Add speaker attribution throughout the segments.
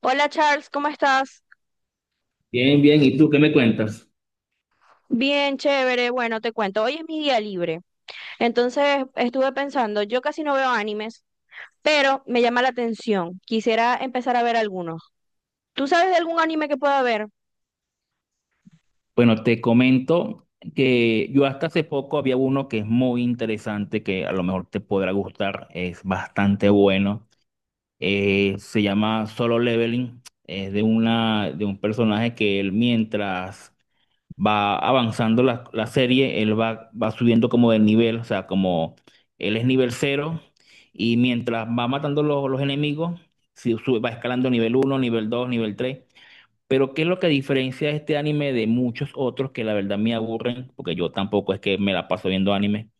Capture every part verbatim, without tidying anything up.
Speaker 1: Hola Charles, ¿cómo estás?
Speaker 2: Bien, bien. ¿Y tú qué me cuentas?
Speaker 1: Bien, chévere. Bueno, te cuento, hoy es mi día libre. Entonces estuve pensando, yo casi no veo animes, pero me llama la atención. Quisiera empezar a ver algunos. ¿Tú sabes de algún anime que pueda ver?
Speaker 2: Bueno, te comento que yo hasta hace poco había uno que es muy interesante, que a lo mejor te podrá gustar, es bastante bueno. Eh, se llama Solo Leveling, es de una, de un personaje que él mientras va avanzando la, la serie, él va, va subiendo como de nivel, o sea, como él es nivel cero y mientras va matando los, los enemigos, si sube- va escalando nivel uno, nivel dos, nivel tres. Pero ¿qué es lo que diferencia este anime de muchos otros que la verdad me aburren? Porque yo tampoco es que me la paso viendo anime.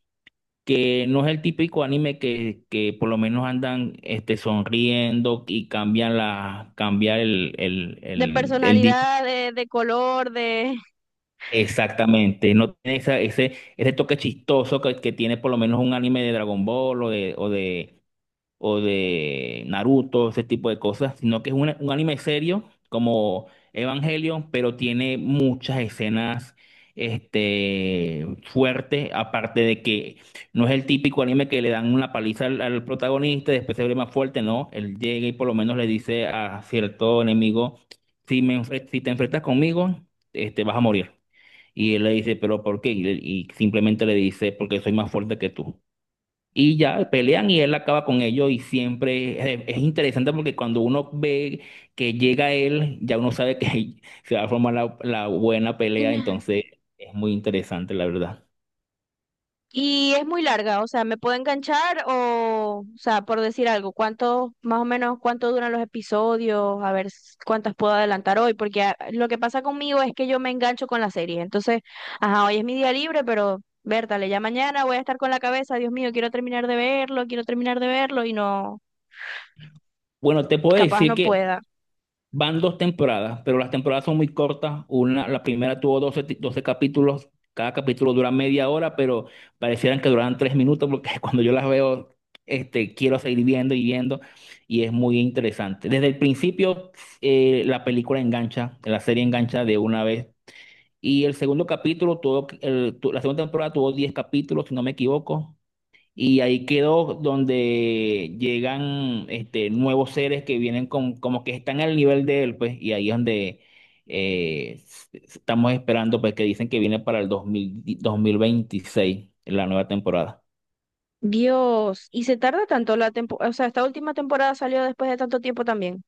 Speaker 2: Que no es el típico anime que, que por lo menos andan este, sonriendo y cambian la, cambiar el, el,
Speaker 1: De
Speaker 2: el, el di-
Speaker 1: personalidad, de, de color, de...
Speaker 2: Exactamente, no tiene esa- ese, ese toque chistoso que, que tiene por lo menos un anime de Dragon Ball o de, o de o de Naruto, ese tipo de cosas, sino que es un, un anime serio como Evangelion, pero tiene muchas escenas este, fuertes, aparte de que no es el típico anime que le dan una paliza al, al protagonista y después se ve más fuerte, no, él llega y por lo menos le dice a cierto enemigo, si, me, enfre- si te enfrentas conmigo, este, vas a morir. Y él le dice, pero ¿por qué? y y simplemente le dice, porque soy más fuerte que tú. Y ya pelean y él acaba con ellos y siempre es, es interesante porque cuando uno ve que llega él, ya uno sabe que se va a formar la, la buena pelea, entonces es muy interesante, la verdad.
Speaker 1: Y es muy larga, o sea, ¿me puedo enganchar o, o sea, por decir algo, cuánto, más o menos, cuánto duran los episodios, a ver s- cuántas puedo adelantar hoy? Porque ah, lo que pasa conmigo es que yo me engancho con la serie, entonces, ajá, hoy es mi día libre, pero, Bertale, ya mañana voy a estar con la cabeza, Dios mío, quiero terminar de verlo, quiero terminar de verlo y no,
Speaker 2: Bueno, te puedo
Speaker 1: capaz
Speaker 2: decir
Speaker 1: no
Speaker 2: que
Speaker 1: pueda.
Speaker 2: van dos temporadas, pero las temporadas son muy cortas. Una, la primera tuvo doce ti- doce capítulos. Cada capítulo dura media hora, pero parecieran que duran tres minutos porque cuando yo las veo, este, quiero seguir viendo y viendo y es muy interesante. Desde el principio, eh, la película engancha, la serie engancha de una vez. Y el segundo capítulo, tuvo, el- tu- la segunda temporada tuvo diez capítulos, si no me equivoco. Y ahí quedó donde llegan este, nuevos seres que vienen con, como que están al nivel de él, pues, y ahí es donde eh, s- s- estamos esperando, pues, que dicen que viene para el dos mil di- dos mil veintiséis la nueva temporada.
Speaker 1: Dios, y se tarda tanto la temporada, o sea, esta última temporada salió después de tanto tiempo también.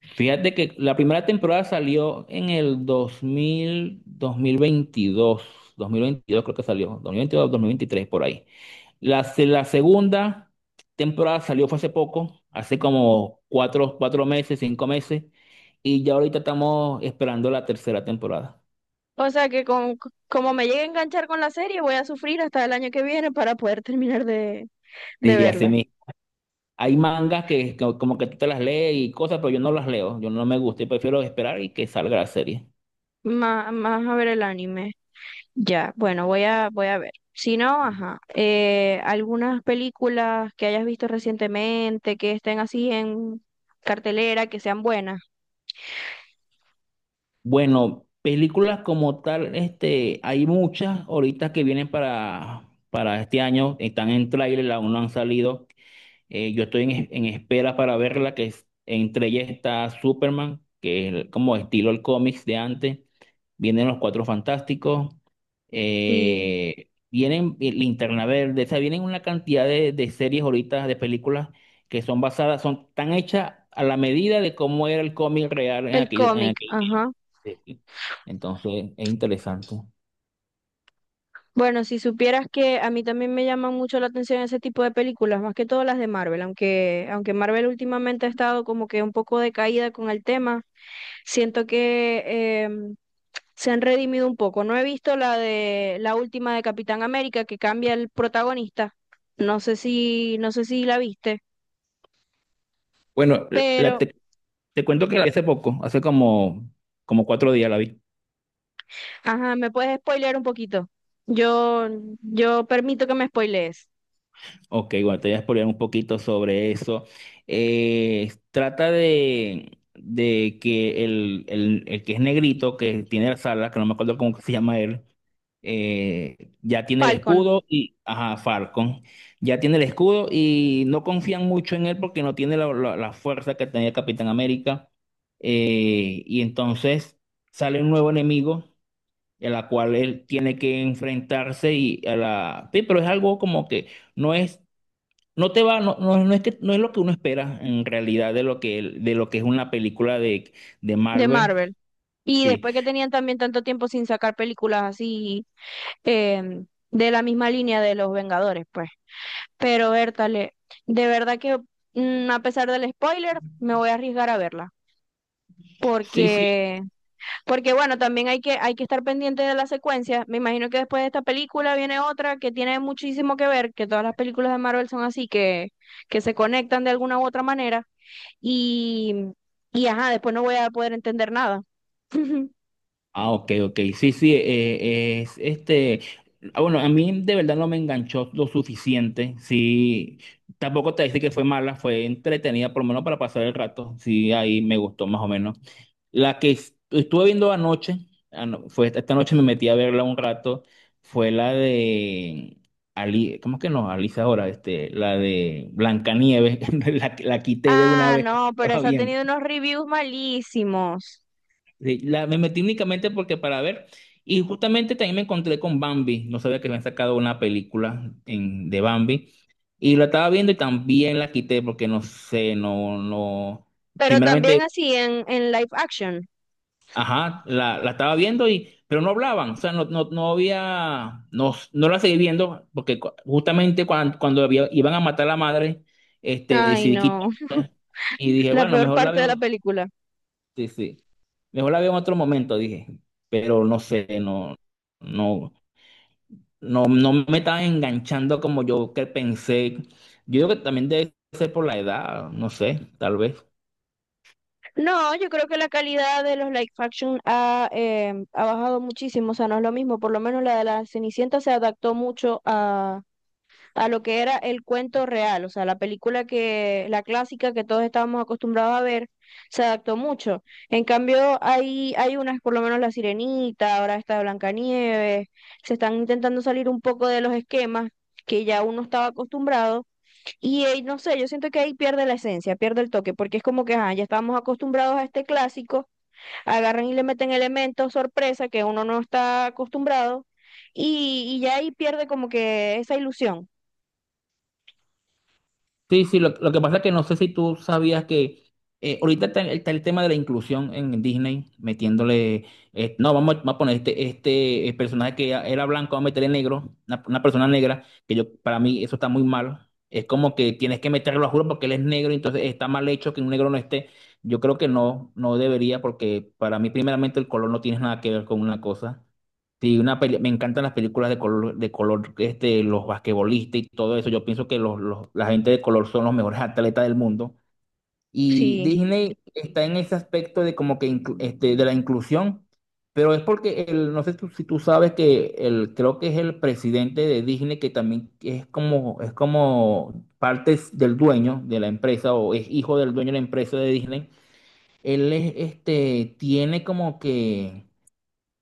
Speaker 2: Fíjate que la primera temporada salió en el dos dos mil dos mil veintidós dos mil veintidós creo que salió, dos dos mil veintidós dos mil veintitrés por ahí. La, se- la segunda temporada salió fue hace poco, hace como cuatro, cuatro meses, cinco meses, y ya ahorita estamos esperando la tercera temporada.
Speaker 1: O sea que con, como me llegue a enganchar con la serie, voy a sufrir hasta el año que viene para poder terminar de, de
Speaker 2: Sí, así
Speaker 1: verla.
Speaker 2: mismo. Hay mangas que co- como que tú te las lees y cosas, pero yo no las leo, yo no me gusta y prefiero esperar y que salga la serie.
Speaker 1: Más, más a ver el anime. Ya, bueno, voy a, voy a ver. Si no, ajá. Eh, algunas películas que hayas visto recientemente, que estén así en cartelera, que sean buenas.
Speaker 2: Bueno, películas como tal, este, hay muchas ahorita que vienen para, para este año, están en tráiler, aún no han salido. Eh, yo estoy en, en espera para verla, que es- entre ellas está Superman, que es el- como estilo el cómics de antes. Vienen los Cuatro Fantásticos.
Speaker 1: Sí,
Speaker 2: Eh, vienen eh, Linterna Verde. O sea, vienen una cantidad de, de series ahorita, de películas, que son basadas, son tan hechas a la medida de cómo era el cómic real en
Speaker 1: el
Speaker 2: aquel, en
Speaker 1: cómic,
Speaker 2: aquel
Speaker 1: ajá.
Speaker 2: tiempo. Sí. Entonces, es interesante.
Speaker 1: Bueno, si supieras que a mí también me llaman mucho la atención ese tipo de películas, más que todo las de Marvel, aunque, aunque Marvel últimamente ha estado como que un poco decaída con el tema, siento que em, se han redimido un poco. No he visto la de la última de Capitán América que cambia el protagonista. No sé si, no sé si la viste,
Speaker 2: Bueno, la-
Speaker 1: pero
Speaker 2: te, te cuento que hace poco, hace como, como cuatro días la vi.
Speaker 1: ajá, ¿me puedes spoilear un poquito? Yo, yo permito que me spoilees.
Speaker 2: Ok, bueno, te voy a explorar un poquito sobre eso. Eh, trata de, de que el, el- el que es negrito, que tiene las alas, que no me acuerdo cómo que se llama él, eh, ya tiene el
Speaker 1: Falcon
Speaker 2: escudo y, ajá, Falcon, ya tiene el escudo y no confían mucho en él porque no tiene la, la- la fuerza que tenía Capitán América. Eh, y entonces sale un nuevo enemigo, en la cual él tiene que enfrentarse y a la... Sí, pero es algo como que no es no te va, no, no, no es que, no es lo que uno espera en realidad de lo que, de lo que es una película de, de
Speaker 1: de
Speaker 2: Marvel.
Speaker 1: Marvel. Y
Speaker 2: Sí,
Speaker 1: después que tenían también tanto tiempo sin sacar películas así em, de la misma línea de los Vengadores, pues. Pero Bertale, de verdad que mm, a pesar del spoiler, me voy a arriesgar a verla.
Speaker 2: sí, sí.
Speaker 1: Porque, porque bueno, también hay que, hay que estar pendiente de la secuencia. Me imagino que después de esta película viene otra que tiene muchísimo que ver, que todas las películas de Marvel son así, que, que se conectan de alguna u otra manera. Y, y ajá, después no voy a poder entender nada.
Speaker 2: Ah, ok, ok. Sí, sí, eh, es este. ah, Bueno, a mí de verdad no me enganchó lo suficiente. Sí, tampoco te dice que fue mala, fue entretenida, por lo menos para pasar el rato. Sí, ahí me gustó más o menos. La que es- estuve viendo anoche, ano- fue esta, esta noche me metí a verla un rato, fue la de Ali, ¿cómo es que no? Alicia ahora, este, la de Blancanieves, la, la quité de una
Speaker 1: Ah,
Speaker 2: vez.
Speaker 1: no, pero esa ha tenido unos reviews malísimos.
Speaker 2: Sí, la, me metí únicamente porque para ver, y justamente también me encontré con Bambi, no sabía que habían sacado una película en, de Bambi, y la estaba viendo y también la quité porque no sé, no, no,
Speaker 1: Pero también
Speaker 2: primeramente,
Speaker 1: así en, en live action.
Speaker 2: ajá, la, la estaba viendo y, pero no hablaban, o sea, no, no, no había, no, no la seguí viendo porque cu- justamente cuando, cuando había- iban a matar a la madre, este,
Speaker 1: Ay,
Speaker 2: decidí
Speaker 1: no,
Speaker 2: quitarla y dije,
Speaker 1: la
Speaker 2: bueno,
Speaker 1: peor
Speaker 2: mejor la
Speaker 1: parte de la
Speaker 2: veo,
Speaker 1: película.
Speaker 2: sí, sí. Mejor la veo en otro momento, dije. Pero no sé, no, no, no, no me estaba enganchando como yo que pensé. Yo creo que también debe ser por la edad, no sé, tal vez.
Speaker 1: No, yo creo que la calidad de los live action ha, eh, ha bajado muchísimo, o sea, no es lo mismo, por lo menos la de la Cenicienta se adaptó mucho a, a lo que era el cuento real, o sea, la película que, la clásica que todos estábamos acostumbrados a ver, se adaptó mucho. En cambio, hay, hay unas, por lo menos La Sirenita, ahora está Blancanieves, se están intentando salir un poco de los esquemas que ya uno estaba acostumbrado y eh, no sé, yo siento que ahí pierde la esencia, pierde el toque, porque es como que ajá, ya estamos acostumbrados a este clásico, agarran y le meten elementos sorpresa que uno no está acostumbrado y, y ya ahí pierde como que esa ilusión.
Speaker 2: Sí, sí, lo, lo que pasa es que no sé si tú sabías que eh, ahorita está, está el tema de la inclusión en Disney, metiéndole, eh, no, vamos, a vamos a poner este, este eh, personaje que era blanco, vamos a meterle negro, una, una persona negra, que yo, para mí eso está muy mal. Es como que tienes que meterlo a juro porque él es negro, entonces está mal hecho que un negro no esté. Yo creo que no, no debería, porque para mí primeramente el color no tiene nada que ver con una cosa. Sí, una peli- me encantan las películas de color, de color, este, los basquetbolistas y todo eso. Yo pienso que los, los- la gente de color son los mejores atletas del mundo. Y
Speaker 1: Sí.
Speaker 2: Disney está en ese aspecto de como que inclu- este, de la inclusión, pero es porque el, no sé tú- si tú sabes que el, creo que es el presidente de Disney que también es como, es como parte del dueño de la empresa o es hijo del dueño de la empresa de Disney. Él es, este, tiene como que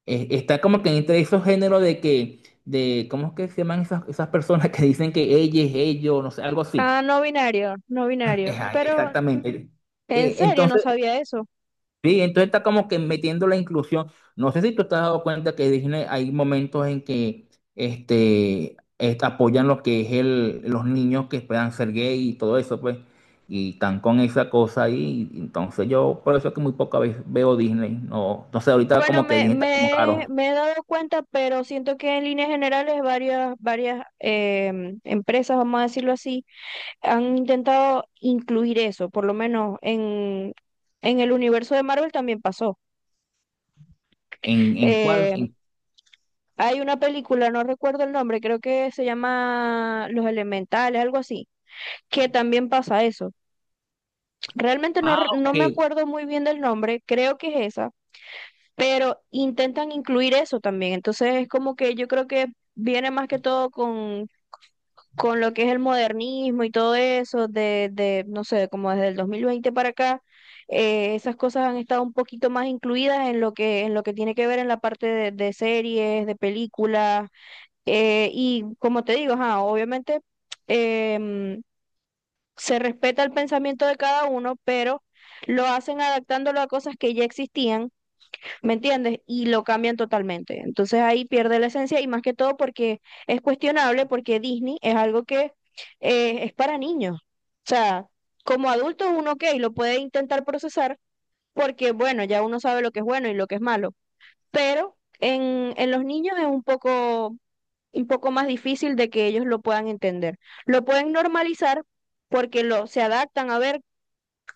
Speaker 2: eh, está como que entre esos géneros de que, de, ¿cómo es que se llaman esas, esas personas que dicen que ella es ellos, no sé, algo así?
Speaker 1: Ah, no binario, no binario.
Speaker 2: Ejá,
Speaker 1: Pero
Speaker 2: exactamente.
Speaker 1: en
Speaker 2: Eh,
Speaker 1: serio no
Speaker 2: entonces,
Speaker 1: sabía eso.
Speaker 2: sí, entonces está como que metiendo la inclusión. No sé si tú te has dado cuenta que Disney hay momentos en que este, este, apoyan lo que es el, los niños que puedan ser gay y todo eso, pues, y están con esa cosa ahí. Entonces yo, por eso es que muy poca vez veo Disney. No, entonces ahorita
Speaker 1: Bueno,
Speaker 2: como que
Speaker 1: me,
Speaker 2: Disney está como
Speaker 1: me,
Speaker 2: raro.
Speaker 1: me he dado cuenta, pero siento que en líneas generales varias, varias em, empresas, vamos a decirlo así, han intentado incluir eso, por lo menos en, en el universo de Marvel también pasó.
Speaker 2: ¿En, en cuál?
Speaker 1: Eh, hay una película, no recuerdo el nombre, creo que se llama Los Elementales, algo así, que también pasa eso. Realmente no,
Speaker 2: Ah,
Speaker 1: re- no me
Speaker 2: ok.
Speaker 1: acuerdo muy bien del nombre, creo que es esa, pero intentan incluir eso también. Entonces es como que yo creo que viene más que todo con, con lo que es el modernismo y todo eso, de, de, no sé, como desde el dos mil veinte para acá, eh, esas cosas han estado un poquito más incluidas en lo que, en lo que tiene que ver en la parte de, de series, de películas, eh, y como te digo, ajá, obviamente em, se respeta el pensamiento de cada uno, pero lo hacen adaptándolo a cosas que ya existían. ¿Me entiendes? Y lo cambian totalmente. Entonces ahí pierde la esencia y más que todo porque es cuestionable, porque Disney es algo que eh, es para niños. O sea, como adulto uno, ok, lo puede intentar procesar porque, bueno, ya uno sabe lo que es bueno y lo que es malo. Pero en, en los niños es un poco, un poco más difícil de que ellos lo puedan entender. Lo pueden normalizar porque lo, se adaptan a ver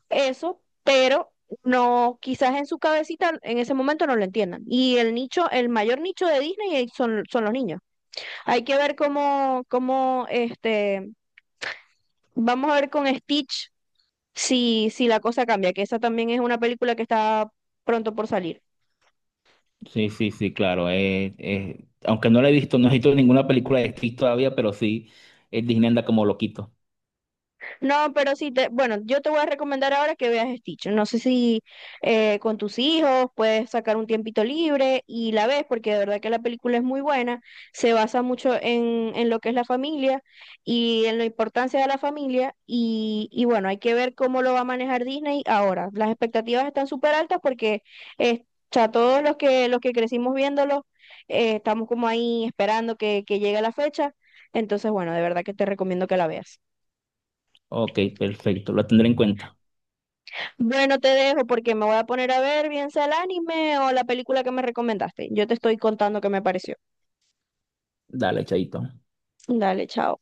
Speaker 1: eso, pero no, quizás en su cabecita en ese momento no lo entiendan. Y el nicho, el mayor nicho de Disney eh, son, son los niños. Hay que ver cómo, cómo, este, vamos a ver con Stitch si, si la cosa cambia, que esa también es una película que está pronto por salir.
Speaker 2: Sí, sí, sí, claro. Eh, eh, aunque no la he visto, no he visto ninguna película de Stitch todavía, pero sí, eh, Disney anda como loquito.
Speaker 1: No, pero sí, te, bueno, yo te voy a recomendar ahora que veas Stitch. No sé si eh, con tus hijos puedes sacar un tiempito libre y la ves, porque de verdad que la película es muy buena, se basa mucho en, en lo que es la familia y en la importancia de la familia y, y bueno, hay que ver cómo lo va a manejar Disney ahora. Las expectativas están súper altas porque eh, o sea, todos los que, los que crecimos viéndolo, eh, estamos como ahí esperando que, que llegue la fecha. Entonces, bueno, de verdad que te recomiendo que la veas.
Speaker 2: Ok, perfecto, lo tendré en cuenta.
Speaker 1: Bueno, te dejo porque me voy a poner a ver bien sea el anime o la película que me recomendaste. Yo te estoy contando qué me pareció.
Speaker 2: Dale, chaito.
Speaker 1: Dale, chao.